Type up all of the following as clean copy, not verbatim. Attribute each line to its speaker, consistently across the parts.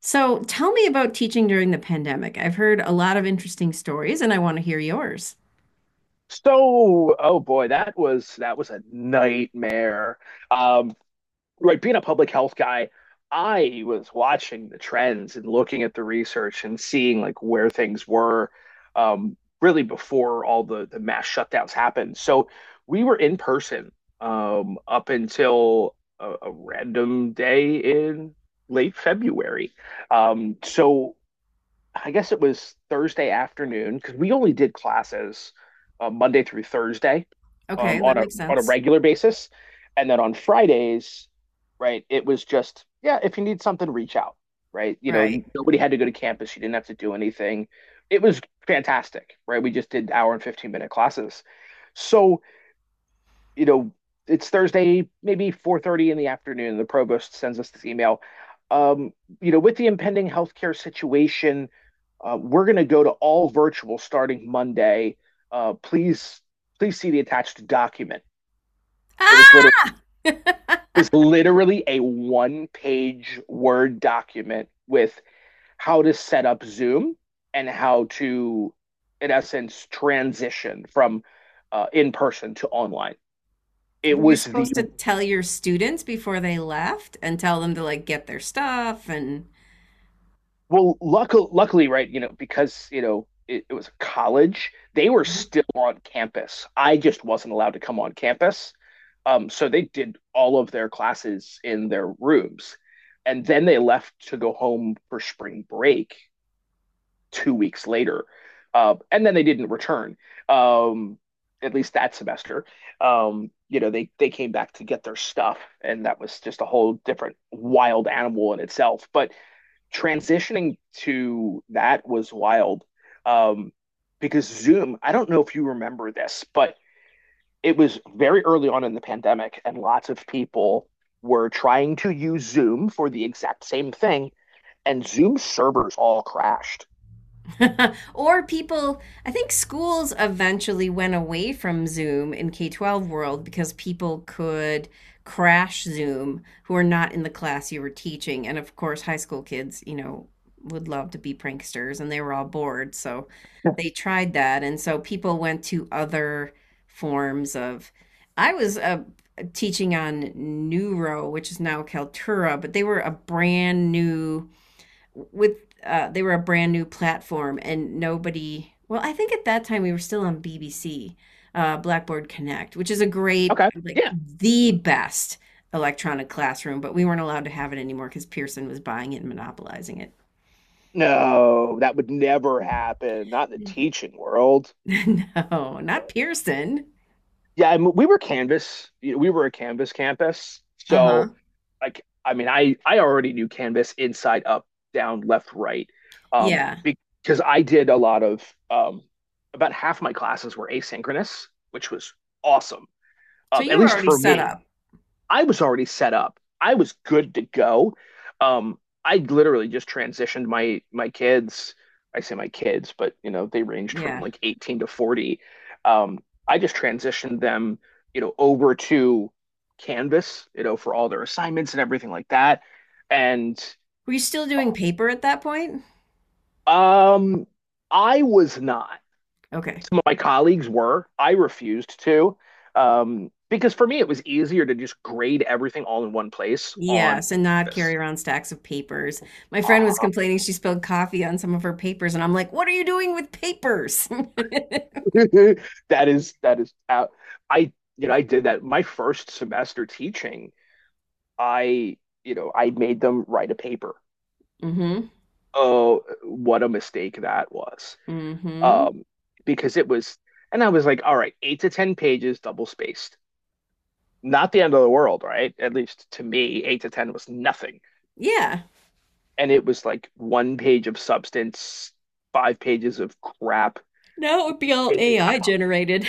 Speaker 1: So tell me about teaching during the pandemic. I've heard a lot of interesting stories and I want to hear yours.
Speaker 2: So, oh boy, that was a nightmare. Um, right, being a public health guy, I was watching the trends and looking at the research and seeing like where things were, um, really before all the mass shutdowns happened. So we were in person, up until a random day in late February. So I guess it was Thursday afternoon because we only did classes Monday through Thursday
Speaker 1: Okay,
Speaker 2: um,
Speaker 1: that
Speaker 2: on a
Speaker 1: makes
Speaker 2: on a
Speaker 1: sense.
Speaker 2: regular basis, and then on Fridays, right? It was just yeah, if you need something, reach out, right? You know,
Speaker 1: Right.
Speaker 2: nobody had to go to campus. You didn't have to do anything. It was fantastic, right? We just did hour and 15-minute classes. So you know, it's Thursday, maybe 4:30 in the afternoon. The provost sends us this email. Um, you know, with the impending healthcare situation, we're going to go to all virtual starting Monday. Uh, please, please see the attached document. It was literally
Speaker 1: Ah!
Speaker 2: it was literally a one-page Word document with how to set up Zoom and how to, in essence, transition from in person to online. It
Speaker 1: Were you
Speaker 2: was the.
Speaker 1: supposed to tell your students before they left and tell them to like get their stuff and
Speaker 2: Well, luckily, right, you know, because, you know, it was college, they were still on campus. I just wasn't allowed to come on campus. So they did all of their classes in their rooms. And then they left to go home for spring break 2 weeks later. And then they didn't return, um, at least that semester. You know, they came back to get their stuff. And that was just a whole different wild animal in itself. But transitioning to that was wild um, because Zoom, I don't know if you remember this, but it was very early on in the pandemic, and lots of people were trying to use Zoom for the exact same thing, and Zoom servers all crashed.
Speaker 1: or people, I think schools eventually went away from Zoom in K 12 world because people could crash Zoom who are not in the class you were teaching. And of course, high school kids, you know, would love to be pranksters and they were all bored. So
Speaker 2: Yeah.
Speaker 1: they tried that. And so people went to other forms of, I was teaching on Neuro, which is now Kaltura, but they were a brand new with they were a brand new platform and nobody. Well, I think at that time we were still on bbc, blackboard connect, which is a great,
Speaker 2: Okay.
Speaker 1: like
Speaker 2: Yeah.
Speaker 1: the best electronic classroom, but we weren't allowed to have it anymore because pearson was buying it and monopolizing it.
Speaker 2: No, that would never happen. Not in the teaching world.
Speaker 1: No, not pearson.
Speaker 2: Yeah, I mean, we were Canvas. We were a Canvas campus. So,
Speaker 1: Uh-huh.
Speaker 2: like, I mean, I already knew Canvas inside up down, left, right,
Speaker 1: Yeah,
Speaker 2: because I did a lot of um, about half my classes were asynchronous, which was awesome,
Speaker 1: so
Speaker 2: at
Speaker 1: you were
Speaker 2: least
Speaker 1: already
Speaker 2: for
Speaker 1: set
Speaker 2: me.
Speaker 1: up.
Speaker 2: I was already set up. I was good to go. Um, I literally just transitioned my kids. I say my kids, but you know, they ranged from
Speaker 1: Yeah,
Speaker 2: like 18 to 40. Um, I just transitioned them, you know, over to Canvas, you know, for all their assignments and everything like that. And
Speaker 1: were you still doing paper at that point?
Speaker 2: um, I was not.
Speaker 1: Okay.
Speaker 2: Some of my colleagues were. I refused to. Because for me, it was easier to just grade everything all in one place on
Speaker 1: Yes, and not carry
Speaker 2: this.
Speaker 1: around stacks of papers. My friend was
Speaker 2: Uh-huh.
Speaker 1: complaining she spilled coffee on some of her papers, and I'm like, what are you doing with papers?
Speaker 2: That is out. I you know I did that my first semester teaching. I you know I made them write a paper.
Speaker 1: Mm-hmm.
Speaker 2: Oh, what a mistake that was.
Speaker 1: Mm-hmm.
Speaker 2: Um, because it was, and I was like, all right, eight to ten pages, double spaced. Not the end of the world, right? At least to me, eight to ten was nothing.
Speaker 1: Yeah.
Speaker 2: And it was like one page of substance, five pages of crap.
Speaker 1: Now it would be all AI generated.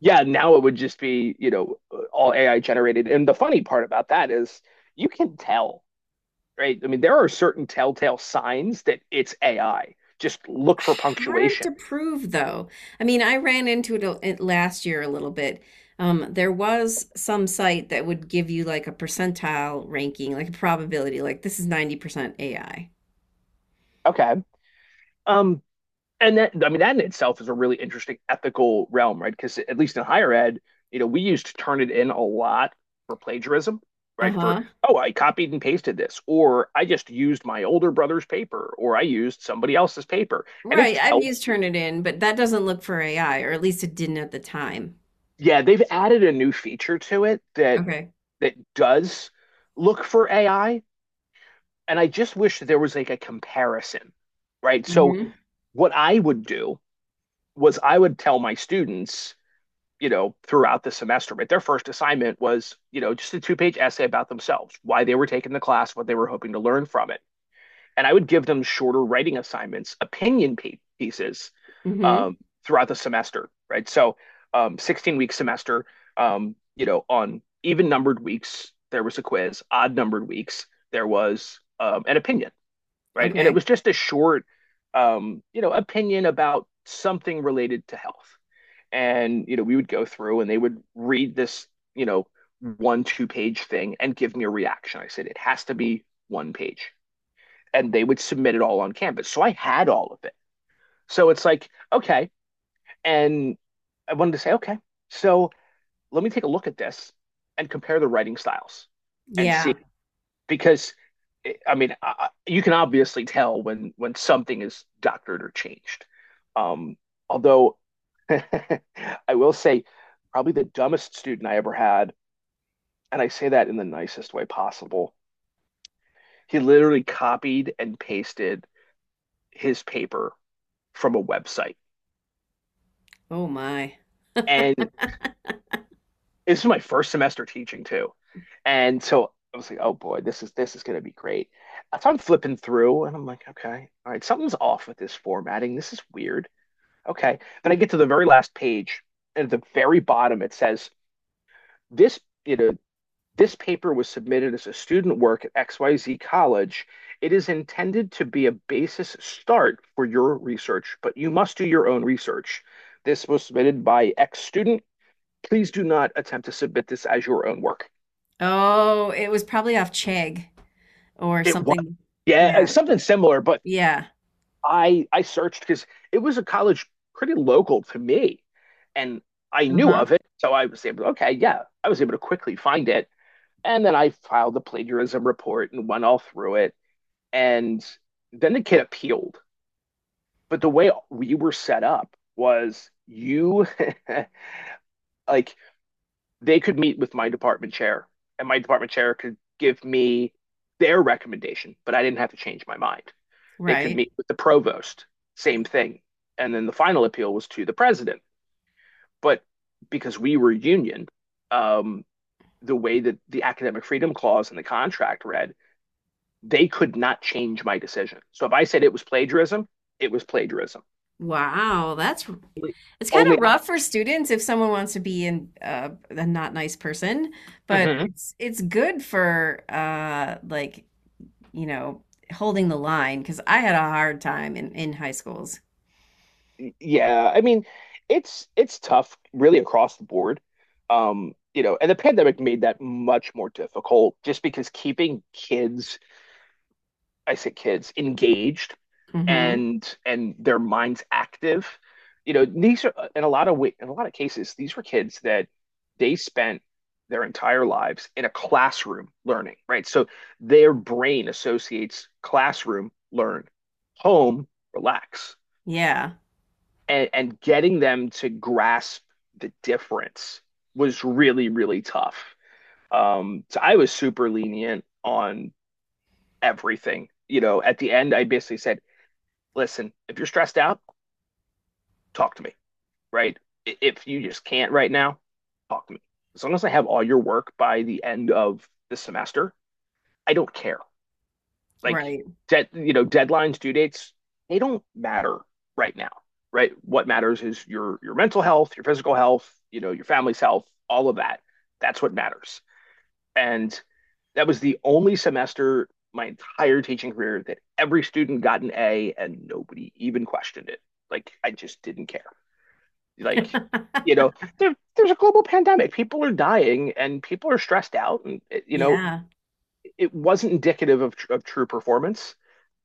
Speaker 2: Yeah, now it would just be, you know, all AI generated. And the funny part about that is you can tell, right? I mean, there are certain telltale signs that it's AI. Just look for
Speaker 1: Hard to
Speaker 2: punctuation.
Speaker 1: prove, though. I mean, I ran into it last year a little bit. There was some site that would give you like a percentile ranking, like a probability, like this is 90% AI.
Speaker 2: Okay. Um, and that, I mean, that in itself is a really interesting ethical realm, right? Because at least in higher ed, you know, we used to turn it in a lot for plagiarism, right? For,
Speaker 1: Uh-huh.
Speaker 2: oh, I copied and pasted this, or I just used my older brother's paper, or I used somebody else's paper. And it
Speaker 1: Right, I've
Speaker 2: tells
Speaker 1: used
Speaker 2: you.
Speaker 1: Turnitin, but that doesn't look for AI, or at least it didn't at the time.
Speaker 2: Yeah, they've added a new feature to it that
Speaker 1: Okay.
Speaker 2: that does look for AI, and I just wish that there was like a comparison, right? So
Speaker 1: Mm-hmm.
Speaker 2: what I would do was I would tell my students, you know, throughout the semester, but their first assignment was, you know, just a two-page essay about themselves, why they were taking the class, what they were hoping to learn from it, and I would give them shorter writing assignments, opinion pieces
Speaker 1: Mm-hmm.
Speaker 2: um, throughout the semester, right? So, 16-week semester, you know, on even numbered weeks, there was a quiz, odd numbered weeks, there was an opinion, right? And it
Speaker 1: Okay.
Speaker 2: was just a short, you know, opinion about something related to health. And, you know, we would go through and they would read this, you know, one, two page thing and give me a reaction. I said, it has to be one page, and they would submit it all on Canvas. So I had all of it. So it's like, okay. And I wanted to say, okay, so let me take a look at this and compare the writing styles and
Speaker 1: Yeah.
Speaker 2: see, because I mean, you can obviously tell when something is doctored or changed. Um, Although I will say, probably the dumbest student I ever had, and I say that in the nicest way possible. He literally copied and pasted his paper from a website,
Speaker 1: Oh my.
Speaker 2: and this is my first semester teaching too. And so I was like, oh boy, this is gonna be great. So I'm flipping through and I'm like, okay, all right, something's off with this formatting. This is weird. Okay. Then I get to the very last page, and at the very bottom it says, this, you know, this paper was submitted as a student work at XYZ College. It is intended to be a basis start for your research, but you must do your own research. This was submitted by X student. Please do not attempt to submit this as your own work.
Speaker 1: Oh, it was probably off Chegg or
Speaker 2: It was,
Speaker 1: something.
Speaker 2: yeah,
Speaker 1: Yeah.
Speaker 2: something similar, but
Speaker 1: Yeah.
Speaker 2: I searched because it was a college pretty local to me, and I knew
Speaker 1: Uh-huh.
Speaker 2: of it, so I was able. To, okay, yeah, I was able to quickly find it, and then I filed the plagiarism report and went all through it, and then the kid appealed. But the way we were set up was you like, they could meet with my department chair, and my department chair could give me their recommendation, but I didn't have to change my mind. They could
Speaker 1: Right.
Speaker 2: meet with the provost, same thing. And then the final appeal was to the president. But because we were union, um, the way that the academic freedom clause in the contract read, they could not change my decision. So if I said it was plagiarism, it was plagiarism.
Speaker 1: Wow, that's, it's kind
Speaker 2: Only.
Speaker 1: of rough for students if someone wants to be in a not nice person, but
Speaker 2: Mhm.
Speaker 1: it's good for like, you know, holding the line because I had a hard time in high schools.
Speaker 2: Yeah, I mean, it's tough really across the board. You know, and the pandemic made that much more difficult just because keeping kids, I say kids, engaged and their minds active. You know, these are in a lot of cases, these were kids that they spent their entire lives in a classroom learning, right? So their brain associates classroom, learn, home, relax,
Speaker 1: Yeah,
Speaker 2: and getting them to grasp the difference was really, really tough. So I was super lenient on everything. You know, at the end, I basically said, "Listen, if you're stressed out, talk to me, right? If you just can't right now, talk to me. As long as I have all your work by the end of the semester, I don't care." Like,
Speaker 1: right.
Speaker 2: dead you know deadlines, due dates, they don't matter right now. Right? What matters is your mental health, your physical health, you know, your family's health, all of that. That's what matters. And that was the only semester my entire teaching career that every student got an A, and nobody even questioned it. Like, I just didn't care. Like, you know, there's a global pandemic, people are dying and people are stressed out, and, you know,
Speaker 1: Yeah.
Speaker 2: it wasn't indicative of, true performance,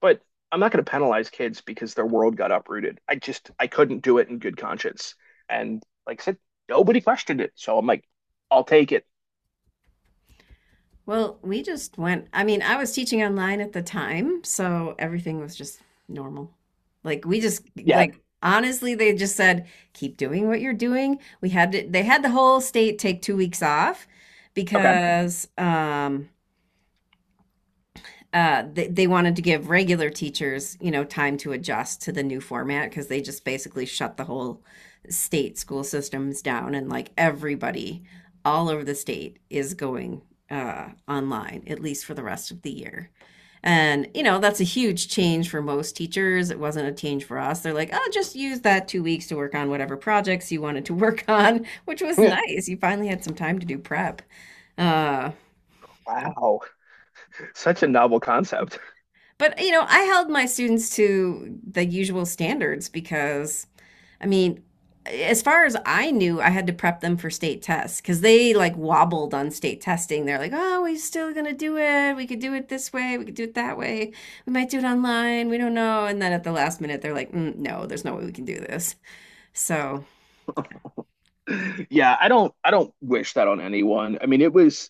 Speaker 2: but I'm not going to penalize kids because their world got uprooted. I just, I couldn't do it in good conscience. And like I said, nobody questioned it. So I'm like, I'll take it.
Speaker 1: Well, we just went, I mean, I was teaching online at the time, so everything was just normal. Like we just,
Speaker 2: Yeah.
Speaker 1: like honestly, they just said, keep doing what you're doing. They had the whole state take 2 weeks off
Speaker 2: Okay.
Speaker 1: because they wanted to give regular teachers, you know, time to adjust to the new format because they just basically shut the whole state school systems down and like everybody all over the state is going online, at least for the rest of the year. And, you know, that's a huge change for most teachers. It wasn't a change for us. They're like, oh, just use that 2 weeks to work on whatever projects you wanted to work on, which was
Speaker 2: Yeah.
Speaker 1: nice. You finally had some time to do prep. Uh,
Speaker 2: Wow. Such a novel concept.
Speaker 1: But you know, I held my students to the usual standards because I mean, as far as I knew, I had to prep them for state tests because they like wobbled on state testing. They're like, "Oh, we're still gonna do it. We could do it this way. We could do it that way. We might do it online. We don't know." And then at the last minute, they're like, mm, "No, there's no way we can do this." So
Speaker 2: Yeah. I don't wish that on anyone. I mean,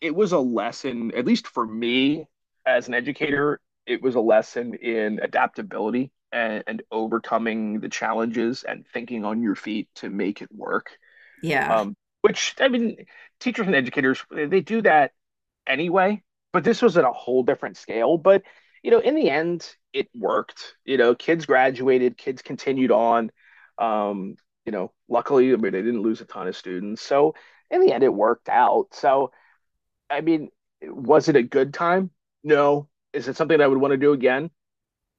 Speaker 2: it was a lesson, at least for me as an educator, it was a lesson in adaptability and overcoming the challenges and thinking on your feet to make it work.
Speaker 1: yeah,
Speaker 2: Um, which, I mean, teachers and educators, they do that anyway, but this was at a whole different scale. But, you know, in the end, it worked. You know, kids graduated, kids continued on. Um, you know, luckily, I mean, they didn't lose a ton of students. So in the end, it worked out. So, I mean, was it a good time? No. Is it something I would want to do again?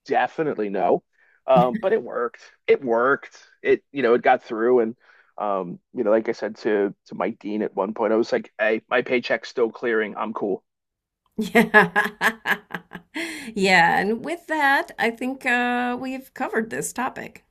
Speaker 2: Definitely no. But it worked. It worked. It, you know, it got through, and you know, like I said to Mike Dean at one point, I was like, "Hey, my paycheck's still clearing. I'm cool."
Speaker 1: yeah, yeah. And with that, I think we've covered this topic.